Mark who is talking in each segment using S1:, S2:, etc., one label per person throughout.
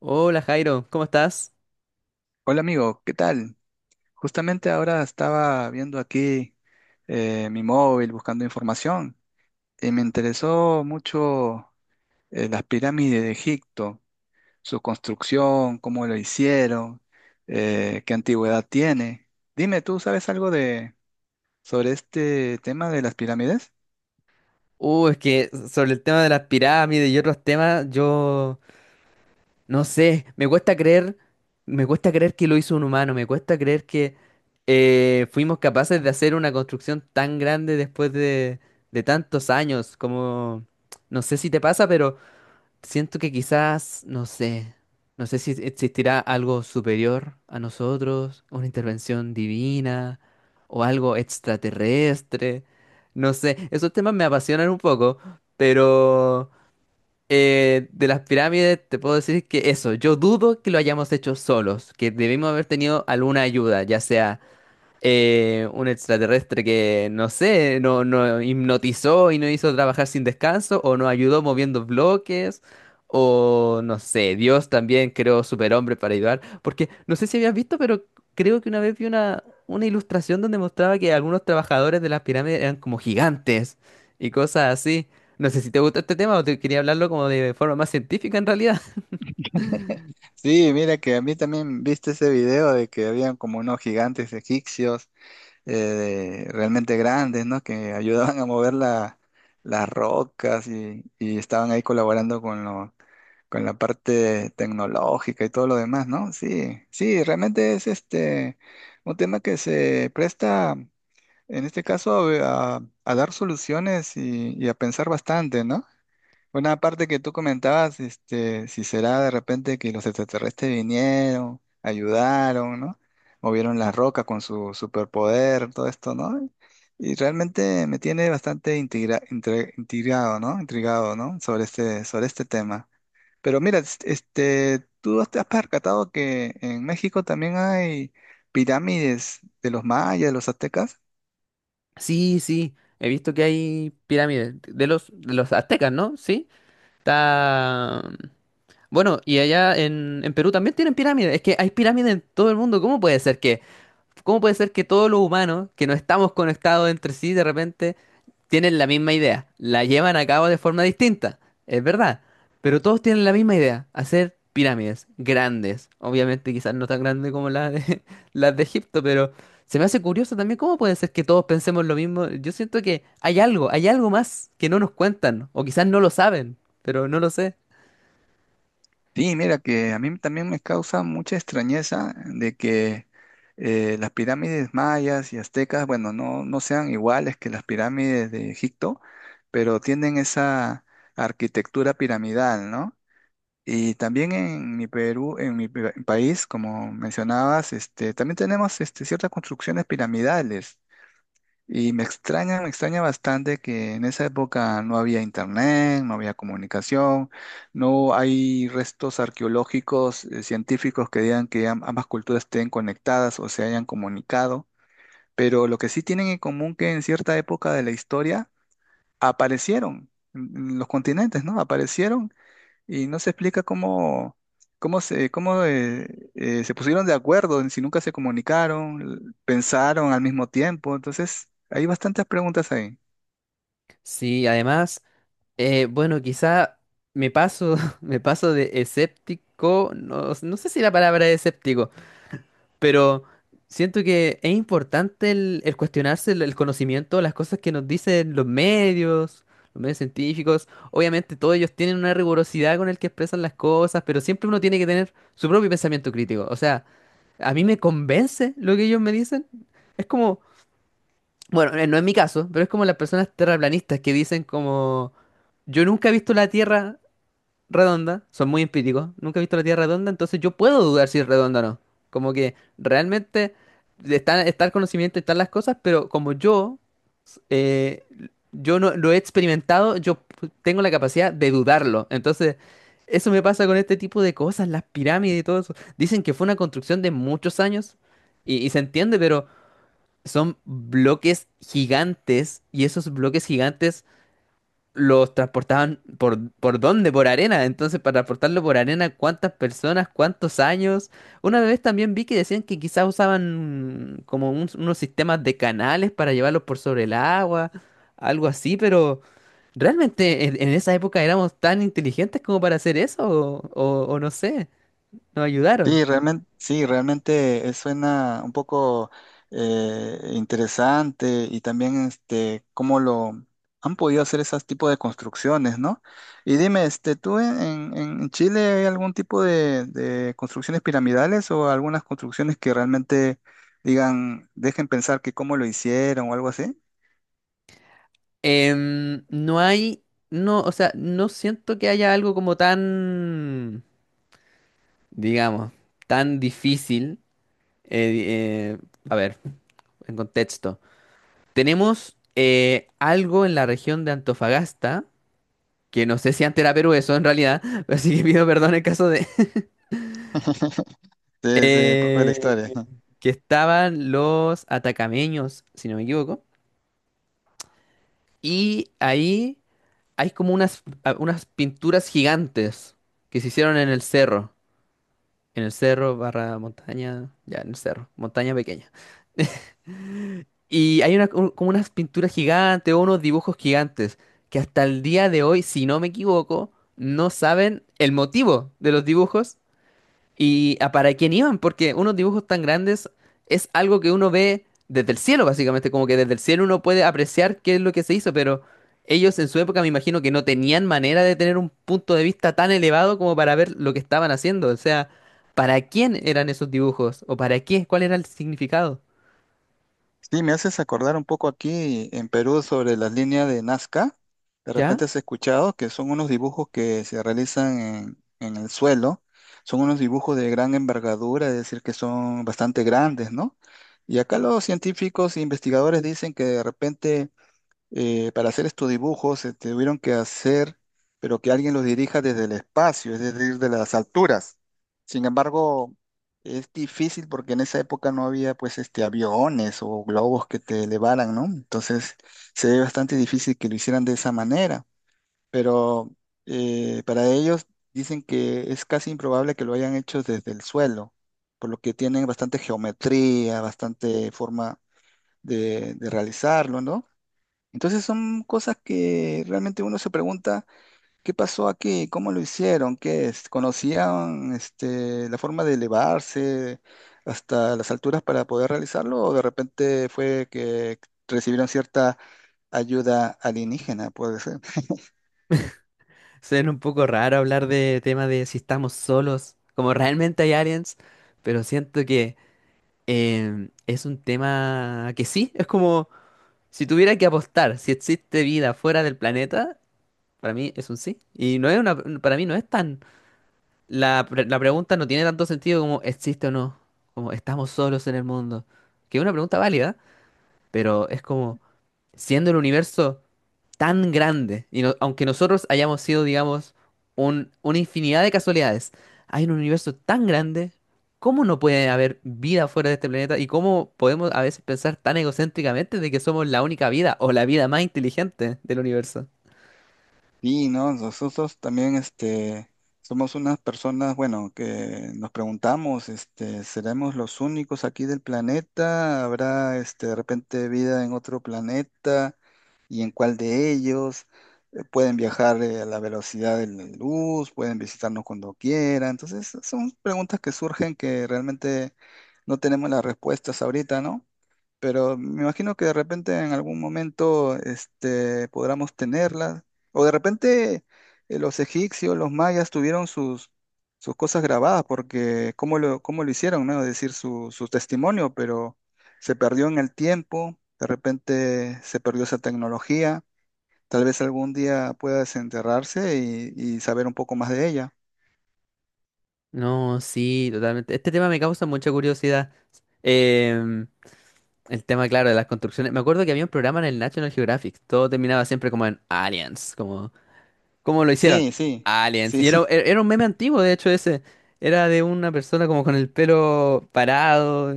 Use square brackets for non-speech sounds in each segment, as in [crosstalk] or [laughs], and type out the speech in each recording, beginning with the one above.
S1: Hola Jairo, ¿cómo estás?
S2: Hola amigo, ¿qué tal? Justamente ahora estaba viendo aquí mi móvil buscando información y me interesó mucho, las pirámides de Egipto, su construcción, cómo lo hicieron, qué antigüedad tiene. Dime, ¿tú sabes algo de sobre este tema de las pirámides?
S1: Es que sobre el tema de las pirámides y otros temas, yo no sé, me cuesta creer que lo hizo un humano, me cuesta creer que fuimos capaces de hacer una construcción tan grande después de tantos años, como no sé si te pasa, pero siento que quizás, no sé si existirá algo superior a nosotros, una intervención divina o algo extraterrestre. No sé, esos temas me apasionan un poco, pero de las pirámides te puedo decir que eso, yo dudo que lo hayamos hecho solos, que debimos haber tenido alguna ayuda, ya sea un extraterrestre que, no sé, no hipnotizó y no hizo trabajar sin descanso, o nos ayudó moviendo bloques, o no sé, Dios también creó superhombres para ayudar. Porque no sé si habías visto, pero creo que una vez vi una ilustración donde mostraba que algunos trabajadores de las pirámides eran como gigantes y cosas así. No sé si te gusta este tema o te quería hablarlo como de forma más científica en realidad. [laughs]
S2: [laughs] Sí, mira que a mí también viste ese video de que habían como unos gigantes egipcios, realmente grandes, ¿no? Que ayudaban a mover las rocas y estaban ahí colaborando con con la parte tecnológica y todo lo demás, ¿no? Sí, sí, realmente es este un tema que se presta, en este caso, a dar soluciones y a pensar bastante, ¿no? Una parte que tú comentabas, este, si será de repente que los extraterrestres vinieron, ayudaron, ¿no? Movieron las rocas con su superpoder, todo esto, ¿no? Y realmente me tiene bastante intrigado, ¿no? Intrigado, ¿no? Sobre sobre este tema. Pero mira, este, tú te has percatado que en México también hay pirámides de los mayas, de los aztecas.
S1: Sí, sí, he visto que hay pirámides de los aztecas, ¿no? Sí. Está... Bueno, y allá en Perú también tienen pirámides. Es que hay pirámides en todo el mundo. Cómo puede ser que todos los humanos que no estamos conectados entre sí de repente tienen la misma idea? La llevan a cabo de forma distinta. Es verdad. Pero todos tienen la misma idea. Hacer pirámides grandes. Obviamente quizás no tan grandes como las de, [laughs] las de Egipto, pero se me hace curioso también cómo puede ser que todos pensemos lo mismo. Yo siento que hay algo más que no nos cuentan. O quizás no lo saben, pero no lo sé.
S2: Sí, mira que a mí también me causa mucha extrañeza de que, las pirámides mayas y aztecas, bueno, no sean iguales que las pirámides de Egipto, pero tienen esa arquitectura piramidal, ¿no? Y también en mi Perú, en mi país, como mencionabas, este, también tenemos este, ciertas construcciones piramidales. Y me extraña bastante que en esa época no había internet, no había comunicación, no hay restos arqueológicos, científicos que digan que ambas culturas estén conectadas o se hayan comunicado, pero lo que sí tienen en común que en cierta época de la historia aparecieron en los continentes, ¿no? Aparecieron y no se explica cómo, cómo, se pusieron de acuerdo, en si nunca se comunicaron, pensaron al mismo tiempo. Entonces, hay bastantes preguntas ahí.
S1: Sí, además, bueno, quizá me paso, [laughs] me paso de escéptico, no, no sé si la palabra es escéptico, pero siento que es importante el cuestionarse el conocimiento, las cosas que nos dicen los medios científicos. Obviamente todos ellos tienen una rigurosidad con el que expresan las cosas, pero siempre uno tiene que tener su propio pensamiento crítico. O sea, a mí me convence lo que ellos me dicen. Es como, bueno, no es mi caso, pero es como las personas terraplanistas que dicen como, yo nunca he visto la Tierra redonda, son muy empíricos, nunca he visto la Tierra redonda, entonces yo puedo dudar si es redonda o no. Como que realmente está el conocimiento, están las cosas, pero como eh, yo no lo he experimentado, yo p- tengo la capacidad de dudarlo. Entonces, eso me pasa con este tipo de cosas, las pirámides y todo eso. Dicen que fue una construcción de muchos años y se entiende, pero son bloques gigantes y esos bloques gigantes los transportaban ¿por dónde? Por arena. Entonces, para transportarlo por arena, ¿cuántas personas? ¿Cuántos años? Una vez también vi que decían que quizás usaban como un- unos sistemas de canales para llevarlos por sobre el agua, algo así, pero ¿realmente en esa época éramos tan inteligentes como para hacer eso? O no sé, nos ayudaron.
S2: Sí, realmente, sí, realmente, suena un poco, interesante y también este cómo lo han podido hacer esos tipos de construcciones, ¿no? Y dime, este, ¿tú en, en Chile hay algún tipo de construcciones piramidales o algunas construcciones que realmente digan, dejen pensar que cómo lo hicieron o algo así?
S1: No hay, no, o sea, no siento que haya algo como tan, digamos, tan difícil. eh, eh, a ver, en contexto. Tenemos algo en la región de Antofagasta, que no sé si antes era Perú eso en realidad, [laughs] así que pido perdón en caso de...
S2: [laughs]
S1: [laughs]
S2: Sí, sí, un poco de la
S1: eh,
S2: historia.
S1: que estaban los atacameños, si no me equivoco. Y ahí hay como unas pinturas gigantes que se hicieron en el cerro. En el cerro, barra montaña, ya en el cerro, montaña pequeña. [laughs] Y hay como unas pinturas gigantes o unos dibujos gigantes que hasta el día de hoy, si no me equivoco, no saben el motivo de los dibujos. ¿Y a para quién iban? Porque unos dibujos tan grandes es algo que uno ve desde el cielo, básicamente, como que desde el cielo uno puede apreciar qué es lo que se hizo, pero ellos en su época me imagino que no tenían manera de tener un punto de vista tan elevado como para ver lo que estaban haciendo. O sea, ¿para quién eran esos dibujos? ¿O para qué? ¿Cuál era el significado?
S2: Sí, me haces acordar un poco aquí en Perú sobre las líneas de Nazca. De
S1: ¿Ya?
S2: repente has escuchado que son unos dibujos que se realizan en el suelo. Son unos dibujos de gran envergadura, es decir, que son bastante grandes, ¿no? Y acá los científicos e investigadores dicen que de repente, para hacer estos dibujos se tuvieron que hacer, pero que alguien los dirija desde el espacio, es decir, de las alturas. Sin embargo, es difícil porque en esa época no había pues este aviones o globos que te elevaran, ¿no? Entonces se ve bastante difícil que lo hicieran de esa manera, pero, para ellos dicen que es casi improbable que lo hayan hecho desde el suelo, por lo que tienen bastante geometría, bastante forma de realizarlo, ¿no? Entonces son cosas que realmente uno se pregunta, ¿qué pasó aquí? ¿Cómo lo hicieron? ¿Qué es? ¿Conocían este, la forma de elevarse hasta las alturas para poder realizarlo? ¿O de repente fue que recibieron cierta ayuda alienígena? Puede ser.
S1: Suena un poco raro hablar de tema de si estamos solos, como realmente hay aliens, pero siento que es un tema que sí, es como... Si tuviera que apostar si existe vida fuera del planeta, para mí es un sí. Y no es una, para mí no es tan, la pregunta no tiene tanto sentido como existe o no, como estamos solos en el mundo, que es una pregunta válida, pero es como, siendo el universo tan grande, y no- aunque nosotros hayamos sido, digamos, una infinidad de casualidades, hay un universo tan grande, ¿cómo no puede haber vida fuera de este planeta? ¿Y cómo podemos a veces pensar tan egocéntricamente de que somos la única vida o la vida más inteligente del universo?
S2: Y no, nosotros también este, somos unas personas, bueno, que nos preguntamos, este, ¿seremos los únicos aquí del planeta? ¿Habrá este, de repente vida en otro planeta? Y en cuál de ellos. Pueden viajar, a la velocidad de la luz, pueden visitarnos cuando quieran. Entonces, son preguntas que surgen que realmente no tenemos las respuestas ahorita, ¿no? Pero me imagino que de repente en algún momento este, podamos tenerlas. O de repente, los egipcios, los mayas tuvieron sus cosas grabadas, porque cómo lo hicieron, ¿no? Es decir, su testimonio, pero se perdió en el tiempo, de repente se perdió esa tecnología. Tal vez algún día pueda desenterrarse y saber un poco más de ella.
S1: No, sí, totalmente. Este tema me causa mucha curiosidad. Em, el tema, claro, de las construcciones. Me acuerdo que había un programa en el National Geographic. Todo terminaba siempre como en aliens, como ¿cómo lo hicieron?
S2: Sí,
S1: [laughs]
S2: sí,
S1: Aliens. Y era,
S2: sí. [laughs]
S1: era era un meme antiguo, de hecho, ese. Era de una persona como con el pelo parado,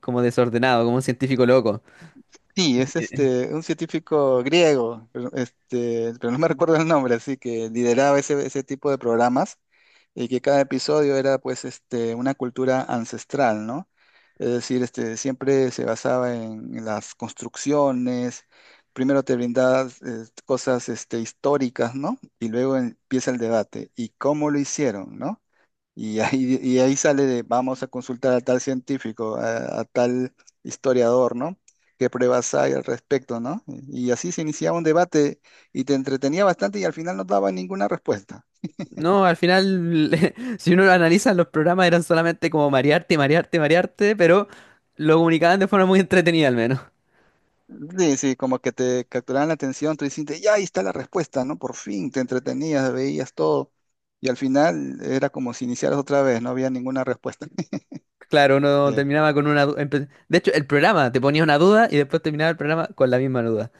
S1: como desordenado, como un científico loco.
S2: Sí, es este, un científico griego, pero, este, pero no me [laughs] recuerdo el nombre, así que lideraba ese tipo de programas y que cada episodio era pues este, una cultura ancestral, ¿no? Es decir, este, siempre se basaba en las construcciones, primero te brindaba, cosas este, históricas, ¿no? Y luego empieza el debate, ¿y cómo lo hicieron, ¿no? Y ahí sale de, vamos a consultar a tal científico, a tal historiador, ¿no? ¿Qué pruebas hay al respecto, ¿no? Y así se iniciaba un debate y te entretenía bastante y al final no daba ninguna respuesta.
S1: No, al final, [laughs] si uno lo analiza, los programas eran solamente como marearte, marearte, marearte, pero lo comunicaban de forma muy entretenida al menos.
S2: Sí, sí, como que te capturaban la atención, tú dices, ya ahí está la respuesta, ¿no? Por fin te entretenías, veías todo. Y al final era como si iniciaras otra vez, no había ninguna respuesta. [laughs]
S1: Claro, uno
S2: Sí,
S1: terminaba con una... du- De hecho, el programa te ponía una duda y después terminaba el programa con la misma duda.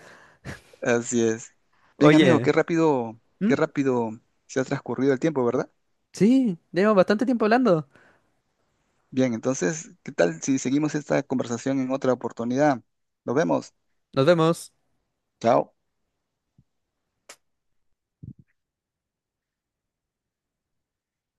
S2: así es. Bien, amigo,
S1: Oye, ¿mm?
S2: qué rápido se ha transcurrido el tiempo, ¿verdad?
S1: Sí, llevamos bastante tiempo hablando.
S2: Bien, entonces, ¿qué tal si seguimos esta conversación en otra oportunidad? Nos vemos.
S1: Nos vemos.
S2: Chao.